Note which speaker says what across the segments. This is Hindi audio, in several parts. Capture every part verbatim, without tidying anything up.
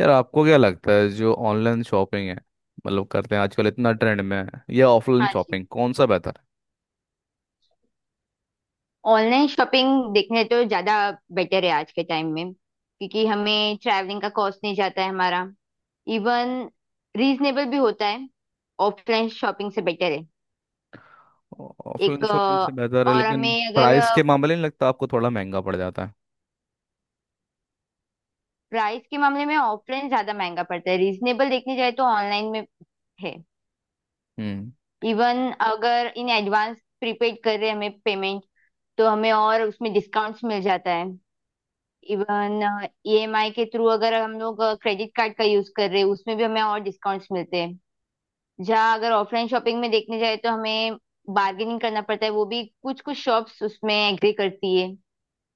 Speaker 1: यार, आपको क्या लगता है जो ऑनलाइन शॉपिंग है, मतलब करते हैं आजकल, इतना ट्रेंड में है या ऑफलाइन
Speaker 2: हाँ जी।
Speaker 1: शॉपिंग कौन सा बेहतर
Speaker 2: ऑनलाइन शॉपिंग देखने तो ज़्यादा बेटर है आज के टाइम में, क्योंकि हमें ट्रैवलिंग का कॉस्ट नहीं जाता है हमारा। इवन रीजनेबल भी होता है, ऑफलाइन शॉपिंग से बेटर है।
Speaker 1: है? ऑफलाइन
Speaker 2: एक अ,
Speaker 1: शॉपिंग से बेहतर है,
Speaker 2: और
Speaker 1: लेकिन
Speaker 2: हमें अगर
Speaker 1: प्राइस के मामले नहीं लगता आपको थोड़ा महंगा पड़ जाता है?
Speaker 2: प्राइस के मामले में ऑफलाइन ज़्यादा महंगा पड़ता है, रीजनेबल देखने जाए तो ऑनलाइन में है।
Speaker 1: हम्म
Speaker 2: इवन अगर इन एडवांस प्रीपेड कर रहे हैं हमें पेमेंट, तो हमें और उसमें डिस्काउंट्स मिल जाता है। इवन ई एम आई के थ्रू अगर हम लोग क्रेडिट कार्ड का यूज कर रहे हैं, उसमें भी हमें और डिस्काउंट्स मिलते हैं। जहाँ अगर ऑफलाइन शॉपिंग में देखने जाए तो हमें बार्गेनिंग करना पड़ता है, वो भी कुछ कुछ शॉप्स उसमें एग्री करती है।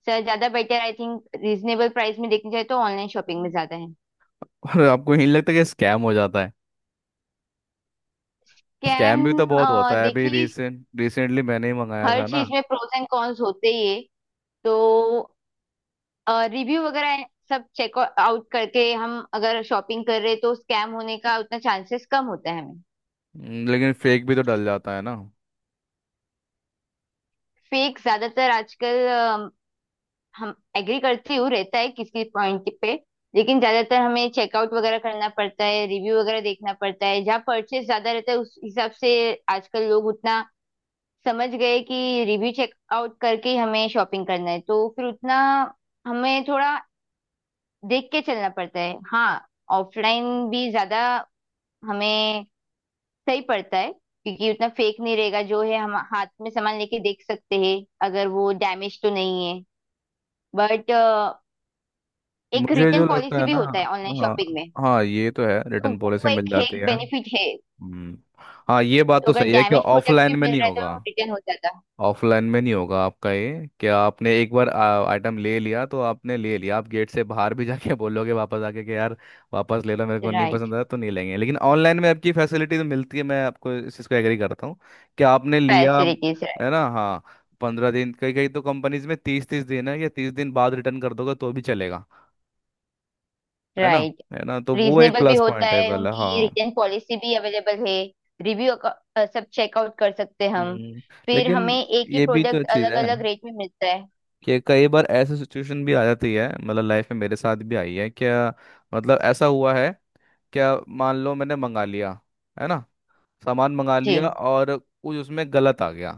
Speaker 2: सर ज्यादा better I think, reasonable price में देखने जाए तो ऑनलाइन शॉपिंग में ज्यादा है।
Speaker 1: और आपको यही लगता है कि स्कैम हो जाता है?
Speaker 2: कैम।
Speaker 1: स्कैम भी तो बहुत होता है, अभी
Speaker 2: देखिए,
Speaker 1: रिसेंट रिसेंटली मैंने ही मंगाया
Speaker 2: हर
Speaker 1: था ना।
Speaker 2: चीज में प्रोस एंड कॉन्स होते ही है, तो रिव्यू वगैरह सब चेक आउट करके हम अगर शॉपिंग कर रहे हैं तो स्कैम होने का उतना चांसेस कम होता है हमें।
Speaker 1: हम्म, लेकिन फेक भी तो डल जाता है ना।
Speaker 2: फेक ज्यादातर आजकल अम, हम एग्री करती हूँ, रहता है किसी पॉइंट पे, लेकिन ज्यादातर हमें चेकआउट वगैरह करना पड़ता है, रिव्यू वगैरह देखना पड़ता है, जहाँ परचेस ज्यादा रहता है उस हिसाब से। आजकल लोग उतना समझ गए कि रिव्यू चेकआउट करके ही हमें शॉपिंग करना है, तो फिर उतना हमें थोड़ा देख के चलना पड़ता है हाँ। ऑफलाइन भी ज्यादा हमें सही पड़ता है, क्योंकि उतना फेक नहीं रहेगा, जो है हम हाथ में सामान लेके देख सकते हैं अगर वो डैमेज तो नहीं है। बट एक
Speaker 1: मुझे
Speaker 2: रिटर्न
Speaker 1: जो लगता
Speaker 2: पॉलिसी
Speaker 1: है
Speaker 2: भी
Speaker 1: ना।
Speaker 2: होता है ऑनलाइन
Speaker 1: हाँ,
Speaker 2: शॉपिंग में,
Speaker 1: हाँ, ये तो है,
Speaker 2: तो
Speaker 1: रिटर्न पॉलिसी
Speaker 2: वो
Speaker 1: मिल
Speaker 2: एक है,
Speaker 1: जाती है।
Speaker 2: बेनिफिट है।
Speaker 1: हम्म। हाँ, ये बात
Speaker 2: तो
Speaker 1: तो
Speaker 2: अगर
Speaker 1: सही है कि
Speaker 2: डैमेज प्रोडक्ट
Speaker 1: ऑफलाइन
Speaker 2: भी
Speaker 1: में
Speaker 2: मिल
Speaker 1: नहीं
Speaker 2: रहा है
Speaker 1: होगा।
Speaker 2: तो रिटर्न हो जाता
Speaker 1: ऑफलाइन में नहीं होगा आपका ये, कि आपने एक बार आइटम ले लिया तो आपने ले लिया, आप गेट से बाहर भी जाके बोलोगे वापस आके कि यार वापस ले लो, मेरे
Speaker 2: है।
Speaker 1: को नहीं
Speaker 2: राइट।
Speaker 1: पसंद आया तो नहीं लेंगे। लेकिन ऑनलाइन में आपकी फैसिलिटी तो मिलती है, मैं आपको इस चीज़ को एग्री करता हूँ कि आपने लिया
Speaker 2: फैसिलिटीज राइट।
Speaker 1: है ना। हाँ। पंद्रह दिन, कई कई तो कंपनीज में तीस तीस दिन है, या तीस दिन बाद रिटर्न कर दोगे तो भी चलेगा। है ना?
Speaker 2: राइट।
Speaker 1: है ना, तो वो एक
Speaker 2: रीजनेबल भी
Speaker 1: प्लस
Speaker 2: होता
Speaker 1: पॉइंट है
Speaker 2: है,
Speaker 1: पहले।
Speaker 2: उनकी
Speaker 1: हाँ।
Speaker 2: रिटर्न पॉलिसी भी अवेलेबल है। रिव्यू सब चेकआउट कर सकते हैं हम।
Speaker 1: हम्म,
Speaker 2: फिर
Speaker 1: लेकिन
Speaker 2: हमें एक ही
Speaker 1: ये भी तो
Speaker 2: प्रोडक्ट
Speaker 1: चीज़
Speaker 2: अलग
Speaker 1: है
Speaker 2: अलग रेट में मिलता है।
Speaker 1: कि कई बार ऐसी सिचुएशन भी आ जाती है, मतलब लाइफ में मेरे साथ भी आई है। क्या, मतलब ऐसा हुआ है क्या, मान लो मैंने मंगा लिया, है ना, सामान मंगा लिया
Speaker 2: जी।
Speaker 1: और कुछ उसमें गलत आ गया।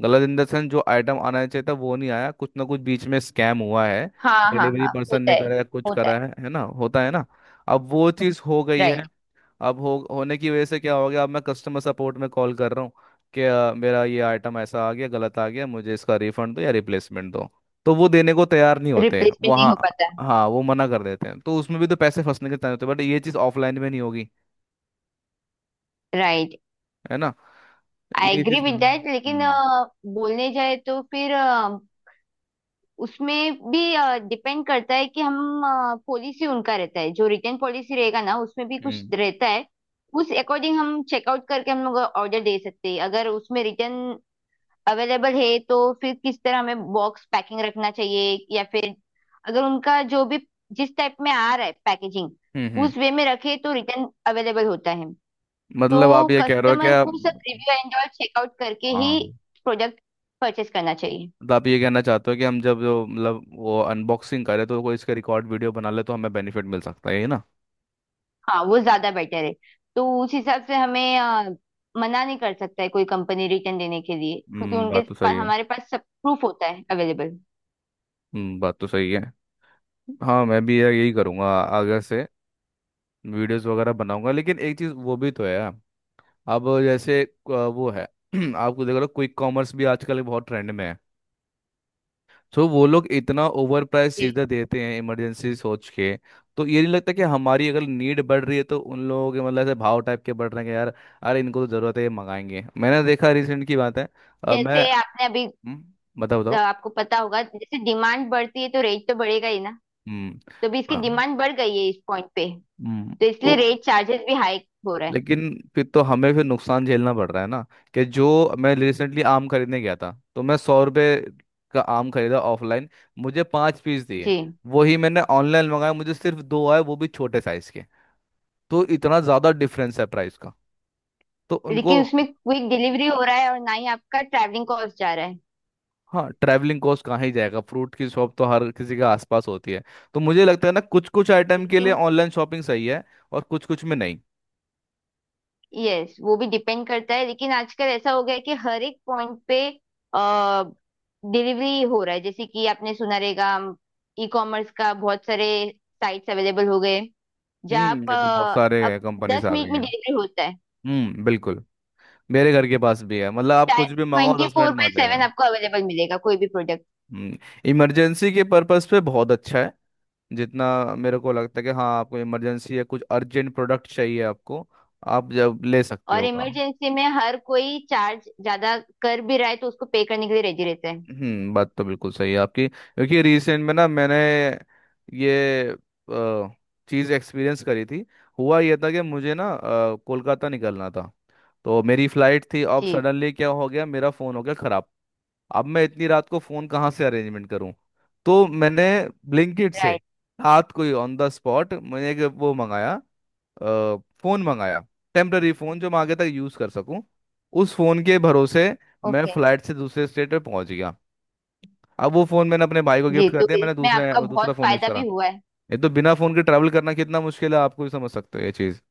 Speaker 1: गलत इन द सेंस जो आइटम आना चाहिए था वो नहीं आया, कुछ ना कुछ बीच में स्कैम हुआ है,
Speaker 2: हाँ हाँ
Speaker 1: डिलीवरी
Speaker 2: हाँ,
Speaker 1: पर्सन
Speaker 2: होता
Speaker 1: ने
Speaker 2: है।
Speaker 1: करा है, कुछ
Speaker 2: होता
Speaker 1: करा
Speaker 2: है।
Speaker 1: है है ना, होता है ना। अब वो चीज़ हो गई है,
Speaker 2: राइट।
Speaker 1: अब हो होने की वजह से क्या हो गया, अब मैं कस्टमर सपोर्ट में कॉल कर रहा हूँ कि अ, मेरा ये आइटम ऐसा आ गया, गलत आ गया, मुझे इसका रिफंड दो या रिप्लेसमेंट दो। तो वो देने को तैयार नहीं होते हैं
Speaker 2: रिप्लेसमेंट
Speaker 1: वो।
Speaker 2: नहीं हो
Speaker 1: हाँ।
Speaker 2: पाता।
Speaker 1: हाँ, वो मना कर देते हैं, तो उसमें भी तो पैसे फंसने के चांस होते हैं, बट ये चीज़ ऑफलाइन में नहीं होगी।
Speaker 2: राइट।
Speaker 1: है ना?
Speaker 2: आई
Speaker 1: ये
Speaker 2: एग्री
Speaker 1: चीज़ का-
Speaker 2: विद दैट, लेकिन अ,
Speaker 1: हम्म।
Speaker 2: बोलने जाए तो फिर उसमें भी डिपेंड करता है कि हम पॉलिसी उनका रहता है, जो रिटर्न पॉलिसी रहेगा ना उसमें भी कुछ
Speaker 1: हम्म।
Speaker 2: रहता है। उस अकॉर्डिंग हम चेकआउट करके हम लोग ऑर्डर दे सकते हैं। अगर उसमें रिटर्न अवेलेबल है, तो फिर किस तरह हमें बॉक्स पैकिंग रखना चाहिए, या फिर अगर उनका जो भी जिस टाइप में आ रहा है पैकेजिंग,
Speaker 1: हम्म। हम्म।
Speaker 2: उस वे में रखे तो रिटर्न अवेलेबल होता है।
Speaker 1: मतलब
Speaker 2: तो
Speaker 1: आप ये कह रहे हो कि
Speaker 2: कस्टमर
Speaker 1: आप।
Speaker 2: को सब रिव्यू एंड ऑल चेकआउट करके
Speaker 1: हाँ,
Speaker 2: ही प्रोडक्ट परचेस करना चाहिए।
Speaker 1: तो आप ये कहना चाहते हो कि हम जब जो, मतलब वो अनबॉक्सिंग करें तो कोई इसका रिकॉर्ड वीडियो बना ले तो हमें बेनिफिट मिल सकता है, ये ना?
Speaker 2: हाँ वो ज्यादा बेटर है। तो उस हिसाब से हमें अ, मना नहीं कर सकता है कोई कंपनी रिटर्न देने के लिए, क्योंकि
Speaker 1: हम्म,
Speaker 2: उनके
Speaker 1: बात तो
Speaker 2: पास
Speaker 1: सही है।
Speaker 2: हमारे पास सब प्रूफ होता है अवेलेबल।
Speaker 1: हम्म, बात तो सही है। हाँ, मैं भी यार यही करूँगा आगे से, वीडियोस वगैरह बनाऊंगा। लेकिन एक चीज़ वो भी तो है यार, अब जैसे अ, वो है। आपको देख लो, क्विक कॉमर्स भी आजकल बहुत ट्रेंड में है, तो वो लोग इतना ओवर प्राइस
Speaker 2: जी।
Speaker 1: चीज़ें देते हैं इमरजेंसी सोच के। तो ये नहीं लगता कि हमारी अगर नीड बढ़ रही है तो उन लोगों के, मतलब ऐसे भाव टाइप के बढ़ रहे हैं कि यार, अरे इनको तो ज़रूरत है ये मंगाएंगे। मैंने देखा, रिसेंट की बात है। अ, मैं।
Speaker 2: जैसे आपने अभी
Speaker 1: हम्म, बताओ
Speaker 2: अ,
Speaker 1: बताओ।
Speaker 2: आपको पता होगा, जैसे डिमांड बढ़ती है तो रेट तो बढ़ेगा ही ना।
Speaker 1: हम्म।
Speaker 2: तो भी इसकी
Speaker 1: हाँ।
Speaker 2: डिमांड बढ़ गई है इस पॉइंट पे,
Speaker 1: हम्म,
Speaker 2: तो
Speaker 1: तो
Speaker 2: इसलिए रेट चार्जेस भी हाई हो रहा है।
Speaker 1: लेकिन फिर तो हमें फिर नुकसान झेलना पड़ रहा है ना? कि जो, मैं रिसेंटली आम खरीदने गया था, तो मैं सौ रुपये का आम खरीदा ऑफलाइन, मुझे पाँच पीस दिए।
Speaker 2: जी।
Speaker 1: वही मैंने ऑनलाइन मंगाया, मुझे सिर्फ दो आए, वो भी छोटे साइज के। तो इतना ज़्यादा डिफरेंस है प्राइस का, तो उनको।
Speaker 2: लेकिन उसमें क्विक डिलीवरी हो रहा है, और ना ही आपका ट्रैवलिंग कॉस्ट जा रहा है।
Speaker 1: हाँ, ट्रैवलिंग कॉस्ट कहाँ ही जाएगा, फ्रूट की शॉप तो हर किसी के आसपास होती है। तो मुझे लगता है ना, कुछ कुछ आइटम के लिए
Speaker 2: लेकिन
Speaker 1: ऑनलाइन शॉपिंग सही है और कुछ कुछ में नहीं।
Speaker 2: यस, वो भी डिपेंड करता है, लेकिन आजकल ऐसा हो गया है कि हर एक पॉइंट पे आ, डिलीवरी हो रहा है। जैसे कि आपने सुना रहेगा, ई कॉमर्स का बहुत सारे साइट्स अवेलेबल हो गए, जहाँ आप
Speaker 1: हम्म, ये तो बहुत सारे
Speaker 2: अ, अब
Speaker 1: कंपनीज
Speaker 2: दस
Speaker 1: आ
Speaker 2: मिनट
Speaker 1: गई
Speaker 2: में
Speaker 1: हैं।
Speaker 2: डिलीवरी होता है।
Speaker 1: हम्म, बिल्कुल। मेरे घर के पास भी है, मतलब आप कुछ भी मंगाओ
Speaker 2: ट्वेंटी
Speaker 1: दस
Speaker 2: फोर
Speaker 1: मिनट में
Speaker 2: बाय
Speaker 1: आ जाएगा।
Speaker 2: सेवन आपको अवेलेबल मिलेगा कोई भी प्रोडक्ट।
Speaker 1: हम्म, इमरजेंसी के पर्पस पे बहुत अच्छा है। जितना मेरे को लगता है कि हाँ, आपको इमरजेंसी या कुछ अर्जेंट प्रोडक्ट चाहिए आपको, आप जब ले सकते
Speaker 2: और
Speaker 1: हो का।
Speaker 2: इमरजेंसी में हर कोई चार्ज ज्यादा कर भी रहा है, तो उसको पे करने के लिए रेडी रहता है।
Speaker 1: हम्म, बात तो बिल्कुल सही है आपकी, क्योंकि रिसेंट में ना मैंने ये चीज़ एक्सपीरियंस करी थी। हुआ ये था कि मुझे ना, अ, कोलकाता निकलना था, तो मेरी फ्लाइट थी। अब
Speaker 2: जी।
Speaker 1: सडनली क्या हो गया, मेरा फ़ोन हो गया ख़राब। अब मैं इतनी रात को फोन कहाँ से अरेंजमेंट करूँ? तो मैंने ब्लिंकिट से
Speaker 2: राइट।
Speaker 1: रात को ही ऑन द स्पॉट मैंने एक वो मंगाया, अ, फोन मंगाया, टेम्पररी फोन जो मैं आगे तक यूज कर सकूँ। उस फोन के भरोसे मैं
Speaker 2: ओके।
Speaker 1: फ्लाइट से दूसरे स्टेट पे पहुंच गया। अब वो फोन मैंने अपने भाई को
Speaker 2: जी,
Speaker 1: गिफ्ट कर
Speaker 2: तो
Speaker 1: दिया, मैंने
Speaker 2: इसमें
Speaker 1: दूसरे
Speaker 2: आपका बहुत
Speaker 1: दूसरा फोन यूज
Speaker 2: फायदा भी
Speaker 1: करा।
Speaker 2: हुआ है।
Speaker 1: ये तो बिना फोन के ट्रैवल करना कितना मुश्किल है, आपको भी समझ सकते हो ये चीज।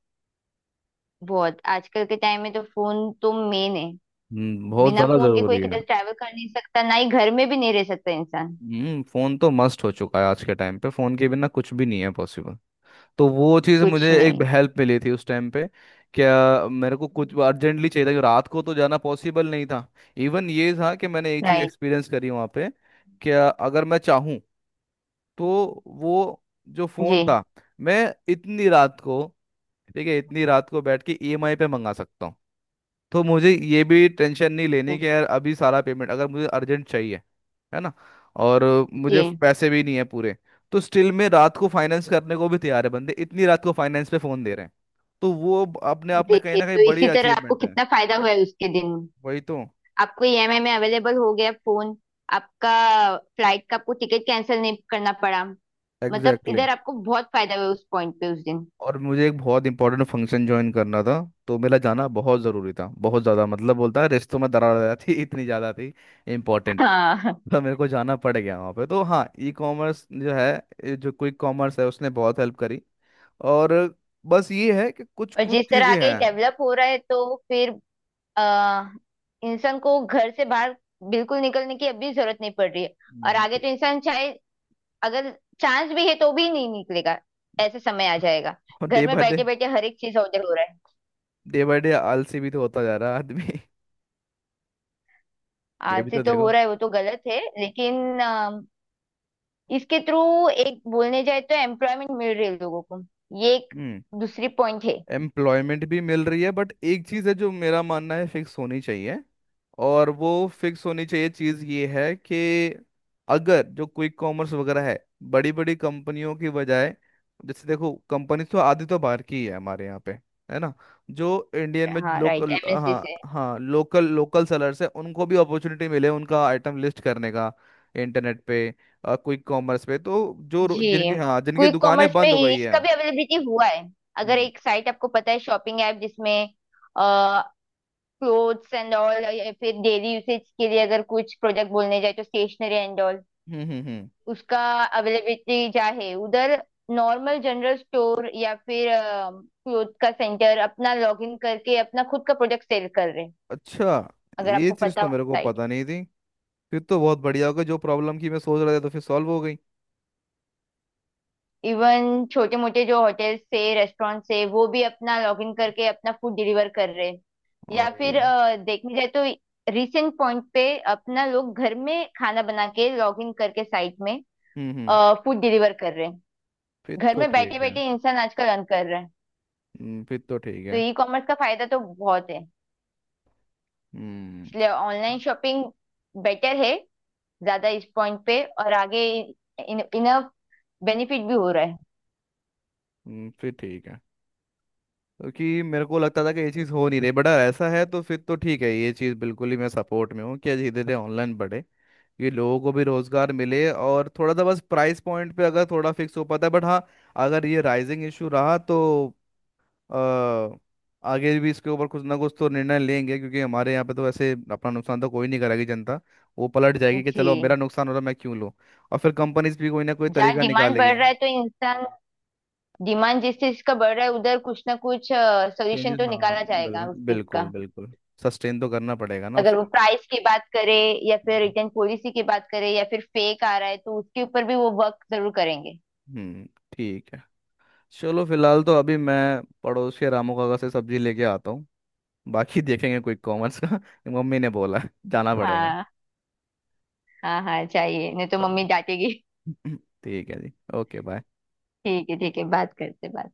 Speaker 2: बहुत, आजकल के टाइम में तो फोन तो मेन है।
Speaker 1: हम्म, बहुत
Speaker 2: बिना
Speaker 1: ज्यादा
Speaker 2: फोन के कोई
Speaker 1: जरूरी है।
Speaker 2: किधर ट्रैवल कर नहीं सकता, ना ही घर में भी नहीं रह सकता इंसान।
Speaker 1: हम्म, फोन तो मस्ट हो चुका है, आज के टाइम पे फोन के बिना कुछ भी नहीं है पॉसिबल। तो वो चीज़
Speaker 2: कुछ
Speaker 1: मुझे एक
Speaker 2: नहीं।
Speaker 1: हेल्प मिली थी उस टाइम पे। क्या, मेरे को कुछ अर्जेंटली चाहिए था, क्योंकि रात को तो जाना पॉसिबल नहीं था। इवन ये था कि मैंने एक चीज़
Speaker 2: राइट।
Speaker 1: एक्सपीरियंस करी वहाँ पे। क्या, अगर मैं चाहूँ तो वो जो
Speaker 2: जी।
Speaker 1: फ़ोन था, मैं इतनी रात को, ठीक है इतनी रात को बैठ के ई एम आई पे मंगा सकता हूँ। तो मुझे ये भी टेंशन नहीं लेनी
Speaker 2: जी।
Speaker 1: कि यार अभी सारा पेमेंट, अगर मुझे अर्जेंट चाहिए, है ना, और मुझे
Speaker 2: जी।
Speaker 1: पैसे भी नहीं है पूरे। तो स्टिल में रात को फाइनेंस करने को भी तैयार है बंदे, इतनी रात को फाइनेंस पे फोन दे रहे हैं। तो वो ब- अपने आप में कहीं
Speaker 2: देखिए,
Speaker 1: ना कहीं
Speaker 2: तो
Speaker 1: बड़ी
Speaker 2: इसी तरह आपको
Speaker 1: अचीवमेंट है।
Speaker 2: कितना फायदा हुआ है उसके दिन।
Speaker 1: वही तो।
Speaker 2: आपको ई एम आई में अवेलेबल हो गया फोन, आपका फ्लाइट का आपको टिकट कैंसिल नहीं करना पड़ा। मतलब
Speaker 1: एग्जैक्टली exactly.
Speaker 2: इधर आपको बहुत फायदा हुआ उस पॉइंट पे उस दिन।
Speaker 1: और मुझे एक बहुत इंपॉर्टेंट फंक्शन ज्वाइन करना था, तो मेरा जाना बहुत ज़रूरी था, बहुत ज़्यादा, मतलब बोलता है रिश्तों में दरार आ जाती इतनी ज़्यादा थी इंपॉर्टेंट।
Speaker 2: हाँ।
Speaker 1: तो मेरे को जाना पड़ गया वहाँ पे, तो हाँ, ई कॉमर्स जो है, ये जो क्विक कॉमर्स है उसने बहुत हेल्प करी। और बस ये है कि कुछ
Speaker 2: और
Speaker 1: कुछ
Speaker 2: जिस तरह
Speaker 1: चीज़ें
Speaker 2: आगे
Speaker 1: हैं।
Speaker 2: डेवलप हो रहा है, तो फिर अ, इंसान को घर से बाहर बिल्कुल निकलने की अभी जरूरत नहीं पड़ रही है। और
Speaker 1: हम्म,
Speaker 2: आगे तो इंसान चाहे अगर चांस भी है तो भी नहीं निकलेगा, ऐसे समय आ जाएगा।
Speaker 1: और
Speaker 2: घर
Speaker 1: डे
Speaker 2: में
Speaker 1: बाय डे,
Speaker 2: बैठे बैठे हर एक चीज ऑर्डर हो रहा है।
Speaker 1: डे बाय डे आलसी भी तो होता जा रहा है आदमी। ये भी
Speaker 2: आलसी
Speaker 1: तो
Speaker 2: तो हो
Speaker 1: देखो।
Speaker 2: रहा है वो तो गलत है, लेकिन अ, इसके थ्रू एक बोलने जाए तो एम्प्लॉयमेंट मिल रही है लोगों को, ये एक दूसरी पॉइंट है।
Speaker 1: एम्प्लॉयमेंट भी मिल रही है, बट एक चीज़ है जो मेरा मानना है, फिक्स होनी चाहिए। और वो फिक्स होनी चाहिए चीज़ ये है कि अगर जो क्विक कॉमर्स वगैरह है बड़ी बड़ी कंपनियों की बजाय, जैसे देखो कंपनी तो आधी तो बाहर की ही है हमारे यहाँ पे, है ना, जो इंडियन में
Speaker 2: हाँ right,
Speaker 1: local,
Speaker 2: M N C
Speaker 1: हाँ
Speaker 2: से।
Speaker 1: हाँ, लोकल लोकल सेलर्स है, उनको भी अपॉर्चुनिटी मिले उनका आइटम लिस्ट करने का इंटरनेट पे, क्विक कॉमर्स पे। तो जो रो-
Speaker 2: जी।
Speaker 1: जिनकी, हाँ, जिनकी
Speaker 2: क्विक
Speaker 1: दुकानें
Speaker 2: कॉमर्स में
Speaker 1: बंद हो गई है।
Speaker 2: इसका भी अवेलेबिलिटी हुआ है। अगर
Speaker 1: हम्म।
Speaker 2: एक साइट आपको पता है, शॉपिंग ऐप, जिसमें क्लोथ्स एंड ऑल या फिर डेली यूसेज के लिए अगर कुछ प्रोडक्ट बोलने जाए तो स्टेशनरी एंड ऑल,
Speaker 1: हम्म। हम्म। हम्म।
Speaker 2: उसका अवेलेबिलिटी क्या है उधर। नॉर्मल जनरल स्टोर या फिर क्लोथ का सेंटर अपना लॉग इन करके अपना खुद का प्रोडक्ट सेल कर रहे हैं,
Speaker 1: अच्छा,
Speaker 2: अगर
Speaker 1: ये
Speaker 2: आपको
Speaker 1: चीज
Speaker 2: पता
Speaker 1: तो
Speaker 2: हो
Speaker 1: मेरे को
Speaker 2: साइट।
Speaker 1: पता नहीं थी। फिर तो बहुत बढ़िया हो गया, जो प्रॉब्लम की मैं सोच रहा था तो फिर सॉल्व हो गई।
Speaker 2: इवन छोटे मोटे जो होटल्स से रेस्टोरेंट से, वो भी अपना लॉग इन करके अपना फूड डिलीवर कर रहे हैं। या
Speaker 1: और
Speaker 2: फिर
Speaker 1: ये।
Speaker 2: अ, देखने जाए तो रिसेंट पॉइंट पे अपना लोग घर में खाना बना के लॉग इन करके साइट में
Speaker 1: हम्म। हम्म,
Speaker 2: फूड डिलीवर कर रहे हैं।
Speaker 1: फिर
Speaker 2: घर
Speaker 1: तो
Speaker 2: में बैठे
Speaker 1: ठीक है।
Speaker 2: बैठे इंसान आजकल अर्न कर रहा है।
Speaker 1: हम्म, फिर तो ठीक
Speaker 2: तो
Speaker 1: है।
Speaker 2: ई कॉमर्स का फायदा तो बहुत है,
Speaker 1: हम्म।
Speaker 2: इसलिए ऑनलाइन शॉपिंग बेटर है ज्यादा इस पॉइंट पे, और आगे इन, इनफ बेनिफिट भी हो रहा है।
Speaker 1: हम्म, फिर ठीक है। क्योंकि मेरे को लगता था कि ये चीज़ हो नहीं रही, बट अगर ऐसा है तो फिर तो ठीक है। ये चीज़ बिल्कुल ही मैं सपोर्ट में हूँ कि धीरे धीरे ऑनलाइन बढ़े, ये लोगों को भी रोजगार मिले, और थोड़ा सा बस प्राइस पॉइंट पे अगर थोड़ा फिक्स हो पाता है, बट हाँ, अगर ये राइजिंग इशू रहा तो अ, आगे भी इसके ऊपर कुछ ना कुछ तो निर्णय लेंगे, क्योंकि हमारे यहाँ पे तो वैसे अपना नुकसान तो कोई नहीं करेगी जनता। वो पलट जाएगी कि
Speaker 2: जी।
Speaker 1: चलो मेरा नुकसान हो रहा, मैं क्यों लूँ? और फिर कंपनीज भी कोई ना कोई
Speaker 2: जहाँ
Speaker 1: तरीका
Speaker 2: डिमांड बढ़
Speaker 1: निकालेगी।
Speaker 2: रहा है तो इंसान, डिमांड जिस चीज का बढ़ रहा है उधर कुछ ना कुछ सोल्यूशन
Speaker 1: चेंजेस,
Speaker 2: तो
Speaker 1: हाँ,
Speaker 2: निकाला जाएगा
Speaker 1: बिल,
Speaker 2: उस चीज
Speaker 1: बिल्कुल
Speaker 2: का।
Speaker 1: बिल्कुल, सस्टेन तो करना पड़ेगा ना
Speaker 2: अगर वो
Speaker 1: उसको।
Speaker 2: प्राइस की बात करे या फिर
Speaker 1: हम्म।
Speaker 2: रिटर्न पॉलिसी की बात करे या फिर फेक आ रहा है, तो उसके ऊपर भी वो वर्क जरूर करेंगे।
Speaker 1: हम्म, ठीक है। चलो फिलहाल तो अभी मैं पड़ोस के रामू काका से सब्जी लेके आता हूँ, बाकी देखेंगे कोई कॉमर्स का। मम्मी ने बोला जाना पड़ेगा।
Speaker 2: हाँ। हाँ हाँ, चाहिए, नहीं तो
Speaker 1: हाँ।
Speaker 2: मम्मी डांटेगी।
Speaker 1: ठीक है जी, ओके बाय।
Speaker 2: ठीक है ठीक है, बात करते बात।